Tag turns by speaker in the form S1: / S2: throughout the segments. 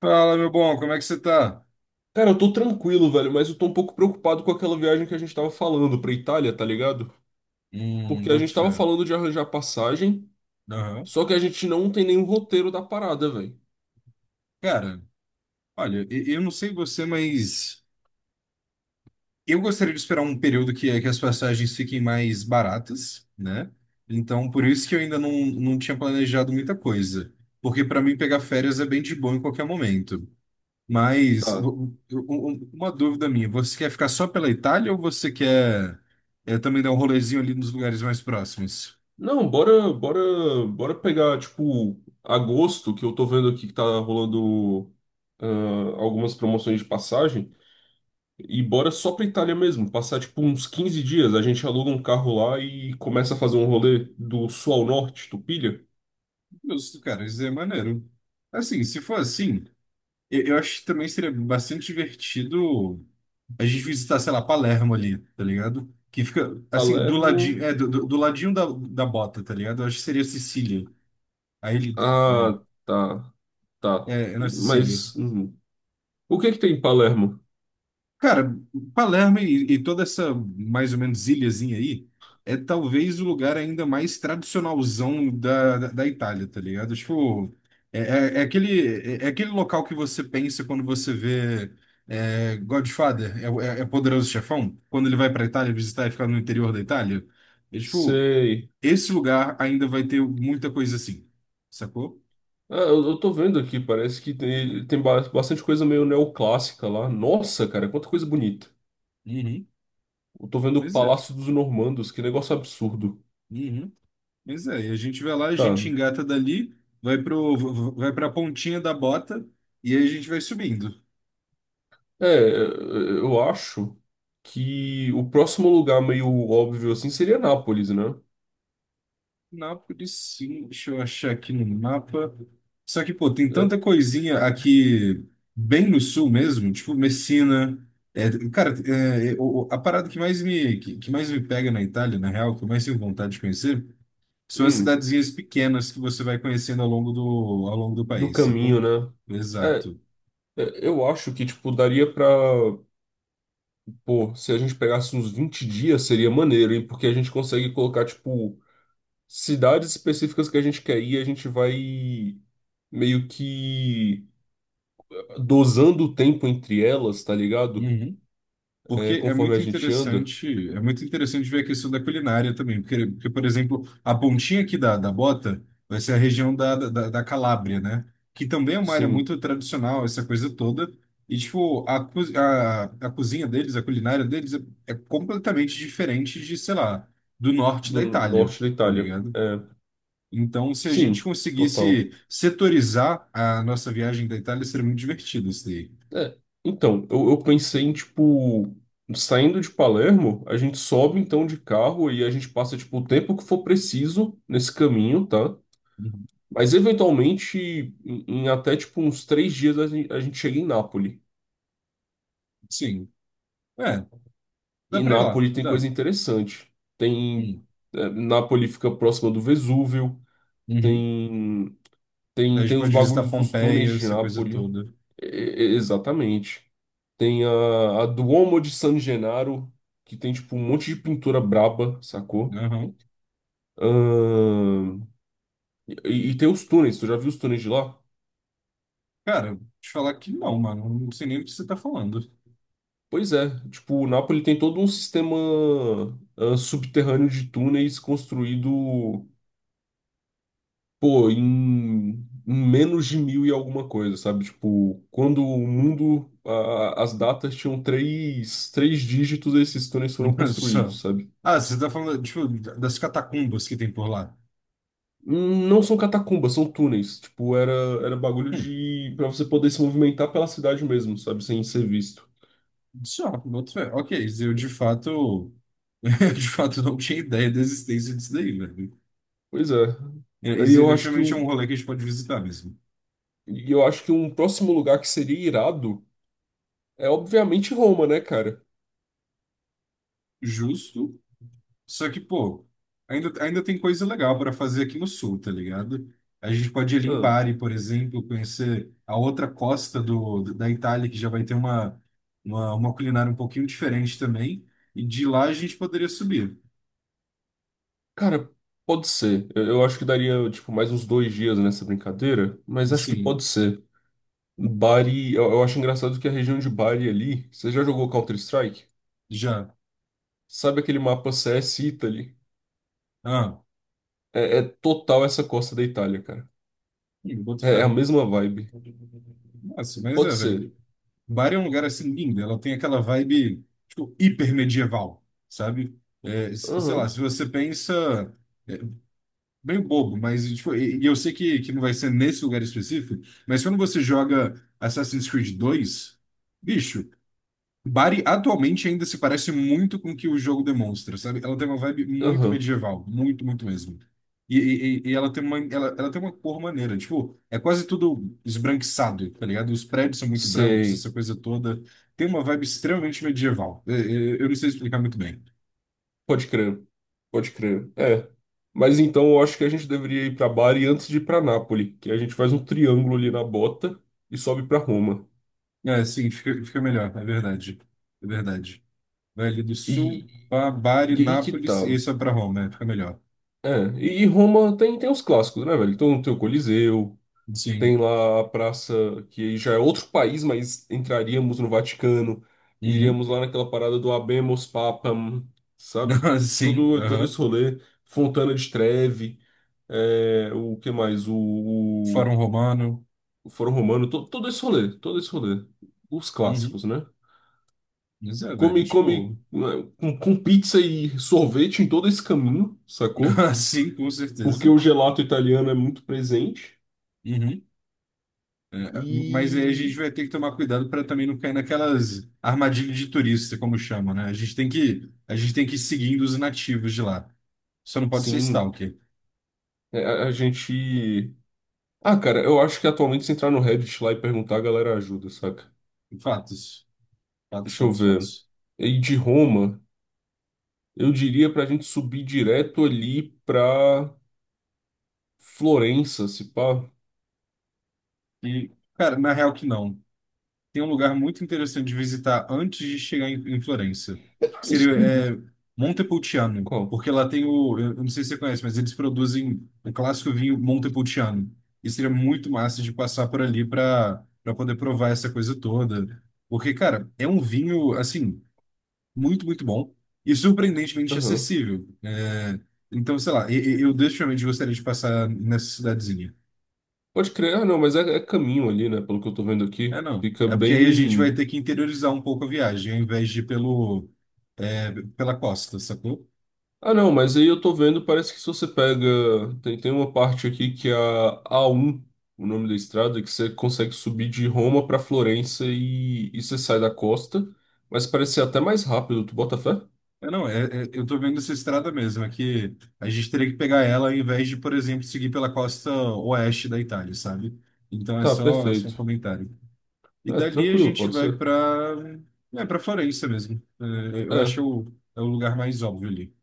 S1: Fala, meu bom, como é que você tá?
S2: Cara, eu tô tranquilo, velho, mas eu tô um pouco preocupado com aquela viagem que a gente tava falando pra Itália, tá ligado? Porque a
S1: Boto
S2: gente tava
S1: fé.
S2: falando de arranjar passagem,
S1: Aham.
S2: só que a gente não tem nenhum roteiro da parada, velho.
S1: Cara, olha, eu não sei você, mas eu gostaria de esperar um período que as passagens fiquem mais baratas, né? Então, por isso que eu ainda não tinha planejado muita coisa. Porque para mim pegar férias é bem de boa em qualquer momento. Mas
S2: Tá.
S1: uma dúvida minha, você quer ficar só pela Itália ou você quer também dar um rolezinho ali nos lugares mais próximos?
S2: Não, bora, bora, bora pegar, tipo, agosto, que eu tô vendo aqui que tá rolando ah, algumas promoções de passagem, e bora só pra Itália mesmo, passar, tipo, uns 15 dias, a gente aluga um carro lá e começa a fazer um rolê do sul ao norte, tu pilha?
S1: Justo, cara, isso é maneiro. Assim, se for assim. Eu acho que também seria bastante divertido a gente visitar, sei lá, Palermo ali, tá ligado? Que fica, assim, do ladinho,
S2: Palermo.
S1: do ladinho da bota, tá ligado? Eu acho que seria Sicília. Aí ele, né?
S2: Ah, tá. Tá.
S1: É na Sicília.
S2: Mas uhum. O que é que tem em Palermo?
S1: Cara, Palermo e toda essa mais ou menos ilhazinha aí é talvez o lugar ainda mais tradicionalzão da Itália, tá ligado? Tipo, é, é- é aquele, é aquele local que você pensa quando você vê Godfather, é Poderoso Chefão, quando ele vai pra Itália visitar e ficar no interior da Itália. É, tipo,
S2: Sei.
S1: esse lugar ainda vai ter muita coisa assim, sacou?
S2: Ah, eu tô vendo aqui, parece que tem bastante coisa meio neoclássica lá. Nossa, cara, quanta coisa bonita.
S1: Uhum.
S2: Eu tô vendo o
S1: Mas é.
S2: Palácio dos Normandos, que negócio absurdo.
S1: Uhum. Pois é, e a gente vai lá, a
S2: Tá.
S1: gente engata dali, vai pra pontinha da bota e aí a gente vai subindo.
S2: É, eu acho que o próximo lugar meio óbvio assim seria Nápoles, né?
S1: Nápoles, sim, deixa eu achar aqui no mapa. Só que, pô, tem
S2: É,
S1: tanta coisinha aqui bem no sul mesmo, tipo Messina. É, cara, a parada que mais me pega na Itália, na real, que eu mais tenho vontade de conhecer, são as
S2: hum,
S1: cidadezinhas pequenas que você vai conhecendo ao longo do
S2: do
S1: país,
S2: caminho,
S1: sacou?
S2: né? É,
S1: Exato.
S2: é, eu acho que, tipo, daria pra. Pô, se a gente pegasse uns 20 dias, seria maneiro, hein? Porque a gente consegue colocar, tipo, cidades específicas que a gente quer ir, a gente vai meio que dosando o tempo entre elas, tá ligado? É,
S1: Porque
S2: conforme a gente anda.
S1: é muito interessante ver a questão da culinária também, porque, por exemplo, a pontinha aqui da bota vai ser a região da Calábria, né? Que também é uma área
S2: Sim,
S1: muito tradicional, essa coisa toda. E, tipo, a cozinha deles, a culinária deles é completamente diferente de, sei lá, do norte
S2: do
S1: da Itália,
S2: norte da
S1: tá
S2: Itália.
S1: ligado?
S2: É,
S1: Então, se a gente
S2: sim, total.
S1: conseguisse setorizar a nossa viagem da Itália, seria muito divertido isso daí.
S2: É, então, eu pensei em, tipo, saindo de Palermo, a gente sobe então de carro e a gente passa, tipo, o tempo que for preciso nesse caminho, tá?
S1: Uhum.
S2: Mas eventualmente, em até tipo uns 3 dias, a gente chega em Nápoles.
S1: Sim. É, dá
S2: E
S1: pra ir lá,
S2: Nápoles tem coisa
S1: dá.
S2: interessante. Tem. É, Nápoles fica próxima do Vesúvio.
S1: Uhum.
S2: Tem.
S1: Aí
S2: Tem,
S1: a gente
S2: tem os
S1: pode visitar
S2: bagulhos dos túneis
S1: Pompeia,
S2: de
S1: essa coisa
S2: Nápoles.
S1: toda.
S2: Exatamente. Tem a Duomo de San Gennaro, que tem tipo um monte de pintura braba, sacou?
S1: Aham.
S2: Ahn, e tem os túneis, tu já viu os túneis de lá?
S1: Cara, te falar que não, mano. Não sei nem o que você tá falando.
S2: Pois é, tipo, o Napoli tem todo um sistema subterrâneo de túneis construído, pô, em menos de mil e alguma coisa, sabe? Tipo, quando o mundo, as datas tinham três dígitos, esses túneis foram
S1: Só.
S2: construídos, sabe?
S1: Ah, você tá falando, tipo, das catacumbas que tem por lá.
S2: Hum. Não são catacumbas, são túneis. Tipo, era bagulho
S1: Hum,
S2: de, pra você poder se movimentar pela cidade mesmo, sabe? Sem ser visto.
S1: só, boto fé. Ok, eu de fato. Eu de fato não tinha ideia da existência disso daí, velho.
S2: Pois é.
S1: É,
S2: Aí
S1: isso aí
S2: eu acho que
S1: definitivamente é um
S2: o,
S1: rolê que a gente pode visitar mesmo.
S2: E eu acho que um próximo lugar que seria irado é obviamente Roma, né, cara?
S1: Justo. Só que, pô, ainda tem coisa legal para fazer aqui no sul, tá ligado? A gente pode ir ali em
S2: Ah,
S1: Bari, por exemplo, conhecer a outra costa da Itália, que já vai ter uma, uma culinária um pouquinho diferente também. E de lá a gente poderia subir.
S2: cara, pode ser. Eu acho que daria, tipo, mais uns 2 dias nessa brincadeira, mas acho que
S1: Sim,
S2: pode ser. Bari, eu acho engraçado que a região de Bari ali, você já jogou Counter-Strike?
S1: já.
S2: Sabe aquele mapa CS Italy?
S1: Ah,
S2: É, é total essa costa da Itália, cara.
S1: boto
S2: É, é a
S1: fé.
S2: mesma vibe.
S1: Nossa, mas
S2: Pode
S1: é,
S2: ser.
S1: velho. Bari é um lugar assim lindo. Ela tem aquela vibe, tipo, hiper medieval, sabe? É, sei lá,
S2: Aham,
S1: se você pensa. Bem bobo, mas tipo, e eu sei que não vai ser nesse lugar específico, mas quando você joga Assassin's Creed dois, bicho, Bari atualmente ainda se parece muito com o que o jogo demonstra, sabe? Ela tem uma vibe muito
S2: aham.
S1: medieval, muito, muito mesmo. E ela tem uma cor maneira, tipo, é quase tudo esbranquiçado, tá ligado? Os prédios são muito brancos,
S2: Sei.
S1: essa coisa toda. Tem uma vibe extremamente medieval. Eu não sei explicar muito bem.
S2: Pode crer, pode crer. É. Mas então eu acho que a gente deveria ir para Bari antes de ir para Nápoles, que a gente faz um triângulo ali na bota e sobe para Roma.
S1: É, sim, fica melhor, é verdade. É verdade. Velho do Sul,
S2: E,
S1: Bari,
S2: e aí que
S1: Nápoles,
S2: tá.
S1: esse é para Roma, né? Fica melhor.
S2: É, e Roma tem os clássicos, né, velho? Então tem o Coliseu, tem
S1: Sim.
S2: lá a praça, que aí já é outro país, mas entraríamos no Vaticano,
S1: Uhum.
S2: iríamos lá naquela parada do Habemus Papam, sabe?
S1: Sim,
S2: Todo esse
S1: aham.
S2: rolê, Fontana de Trevi, o que mais?
S1: Fórum Romano.
S2: Foro Romano, todo esse rolê, todo esse rolê. Os clássicos,
S1: Uhum.
S2: né?
S1: Mas é, velho,
S2: Come, come
S1: tipo...
S2: né, com pizza e sorvete em todo esse caminho, sacou?
S1: Sim, com
S2: Porque
S1: certeza.
S2: o gelato italiano é muito presente.
S1: Uhum. É, mas aí a gente
S2: E
S1: vai ter que tomar cuidado para também não cair naquelas armadilhas de turista, como chamam, né? A gente tem que ir seguindo os nativos de lá. Só não pode ser
S2: sim,
S1: stalker.
S2: a gente. Ah, cara, eu acho que atualmente se entrar no Reddit lá e perguntar, a galera ajuda, saca?
S1: Fatos. Fatos,
S2: Deixa eu
S1: fatos,
S2: ver.
S1: fatos.
S2: E de Roma, eu diria pra gente subir direto ali pra Florença, se pá.
S1: E, cara, na real que não. Tem um lugar muito interessante de visitar antes de chegar em Florença. Que seria é, Montepulciano,
S2: Qual?
S1: porque lá tem eu não sei se você conhece, mas eles produzem o clássico vinho Montepulciano. E seria muito massa de passar por ali para poder provar essa coisa toda, porque cara, é um vinho assim muito muito bom e surpreendentemente
S2: Aham.
S1: acessível. É, então, sei lá, eu definitivamente gostaria de passar nessa cidadezinha.
S2: Pode crer. Ah, não, mas é caminho ali, né? Pelo que eu tô vendo
S1: É
S2: aqui.
S1: não.
S2: Fica
S1: É porque aí a gente vai
S2: bem.
S1: ter que interiorizar um pouco a viagem, ao invés de ir pela costa, sacou?
S2: Ah, não, mas aí eu tô vendo, parece que se você pega. Tem uma parte aqui que é a A1, o nome da estrada, que você consegue subir de Roma pra Florença e você sai da costa. Mas parece ser até mais rápido, tu bota fé?
S1: É não, eu tô vendo essa estrada mesmo, é que a gente teria que pegar ela ao invés de, por exemplo, seguir pela costa oeste da Itália, sabe? Então é
S2: Tá,
S1: só, é só um
S2: perfeito.
S1: comentário. E
S2: É,
S1: dali a
S2: tranquilo,
S1: gente
S2: pode
S1: vai
S2: ser.
S1: para Florença mesmo. É, eu
S2: É,
S1: acho é o lugar mais óbvio ali.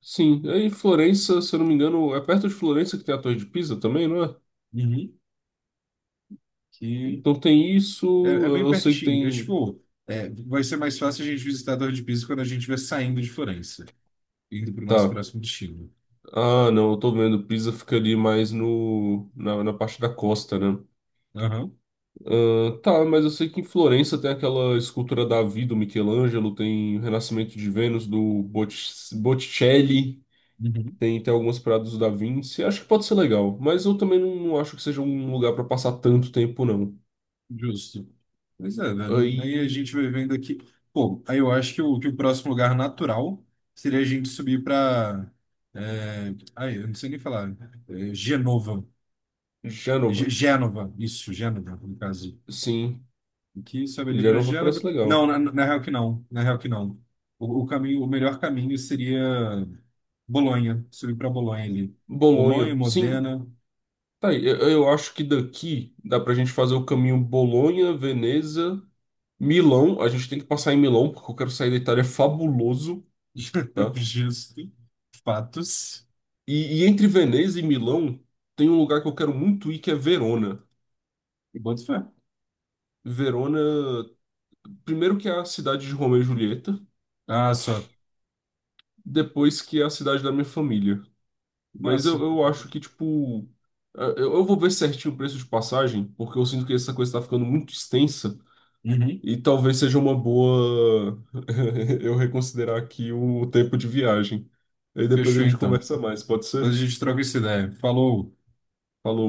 S2: sim. Aí Florença, se eu não me engano, é perto de Florença que tem a Torre de Pisa também, não é?
S1: Uhum. Que
S2: Então tem isso,
S1: é bem
S2: eu sei que
S1: pertinho. Eu,
S2: tem.
S1: tipo, vai ser mais fácil a gente visitar a Torre de Pisa quando a gente estiver saindo de Florença, indo para o nosso
S2: Tá.
S1: próximo destino.
S2: Ah, não, eu tô vendo. Pisa ficaria mais no, na parte da costa, né?
S1: Aham.
S2: Ah, tá, mas eu sei que em Florença tem aquela escultura Davi do Michelangelo, tem o Renascimento de Vênus do Botticelli,
S1: Uhum.
S2: tem algumas paradas do Da Vinci. Acho que pode ser legal, mas eu também não acho que seja um lugar pra passar tanto tempo, não.
S1: Justo. Pois é, velho. Aí a
S2: Aí,
S1: gente vai vendo aqui. Pô, aí eu acho que o próximo lugar natural seria a gente subir para. Ai, eu não sei nem falar. É, Genova. Gê-
S2: Gênova.
S1: Gênova. Isso, Gênova, no caso.
S2: Sim,
S1: Aqui sobe ali para
S2: Gênova
S1: Gênova.
S2: parece
S1: Não,
S2: legal.
S1: na real que não. Na real que não. O caminho, o melhor caminho seria Bolonha. Subir para Bolonha ali. Bolonha,
S2: Bolonha, sim.
S1: Modena.
S2: Tá aí, eu acho que daqui dá pra gente fazer o caminho Bolonha, Veneza. Milão, a gente tem que passar em Milão, porque eu quero sair da Itália fabuloso, tá?
S1: Justo. Fatos.
S2: E entre Veneza e Milão, tem um lugar que eu quero muito ir, que é Verona.
S1: E boto fé.
S2: Verona, primeiro que é a cidade de Romeu e Julieta,
S1: Ah, só.
S2: depois que é a cidade da minha família. Mas
S1: Massa.
S2: eu acho que, tipo, eu vou ver certinho o preço de passagem, porque eu sinto que essa coisa tá ficando muito extensa,
S1: Uhum.
S2: e talvez seja uma boa eu reconsiderar aqui o tempo de viagem. Aí depois a
S1: Fechou
S2: gente
S1: então.
S2: conversa mais, pode ser?
S1: Depois a gente troca essa ideia. Falou.
S2: Falou.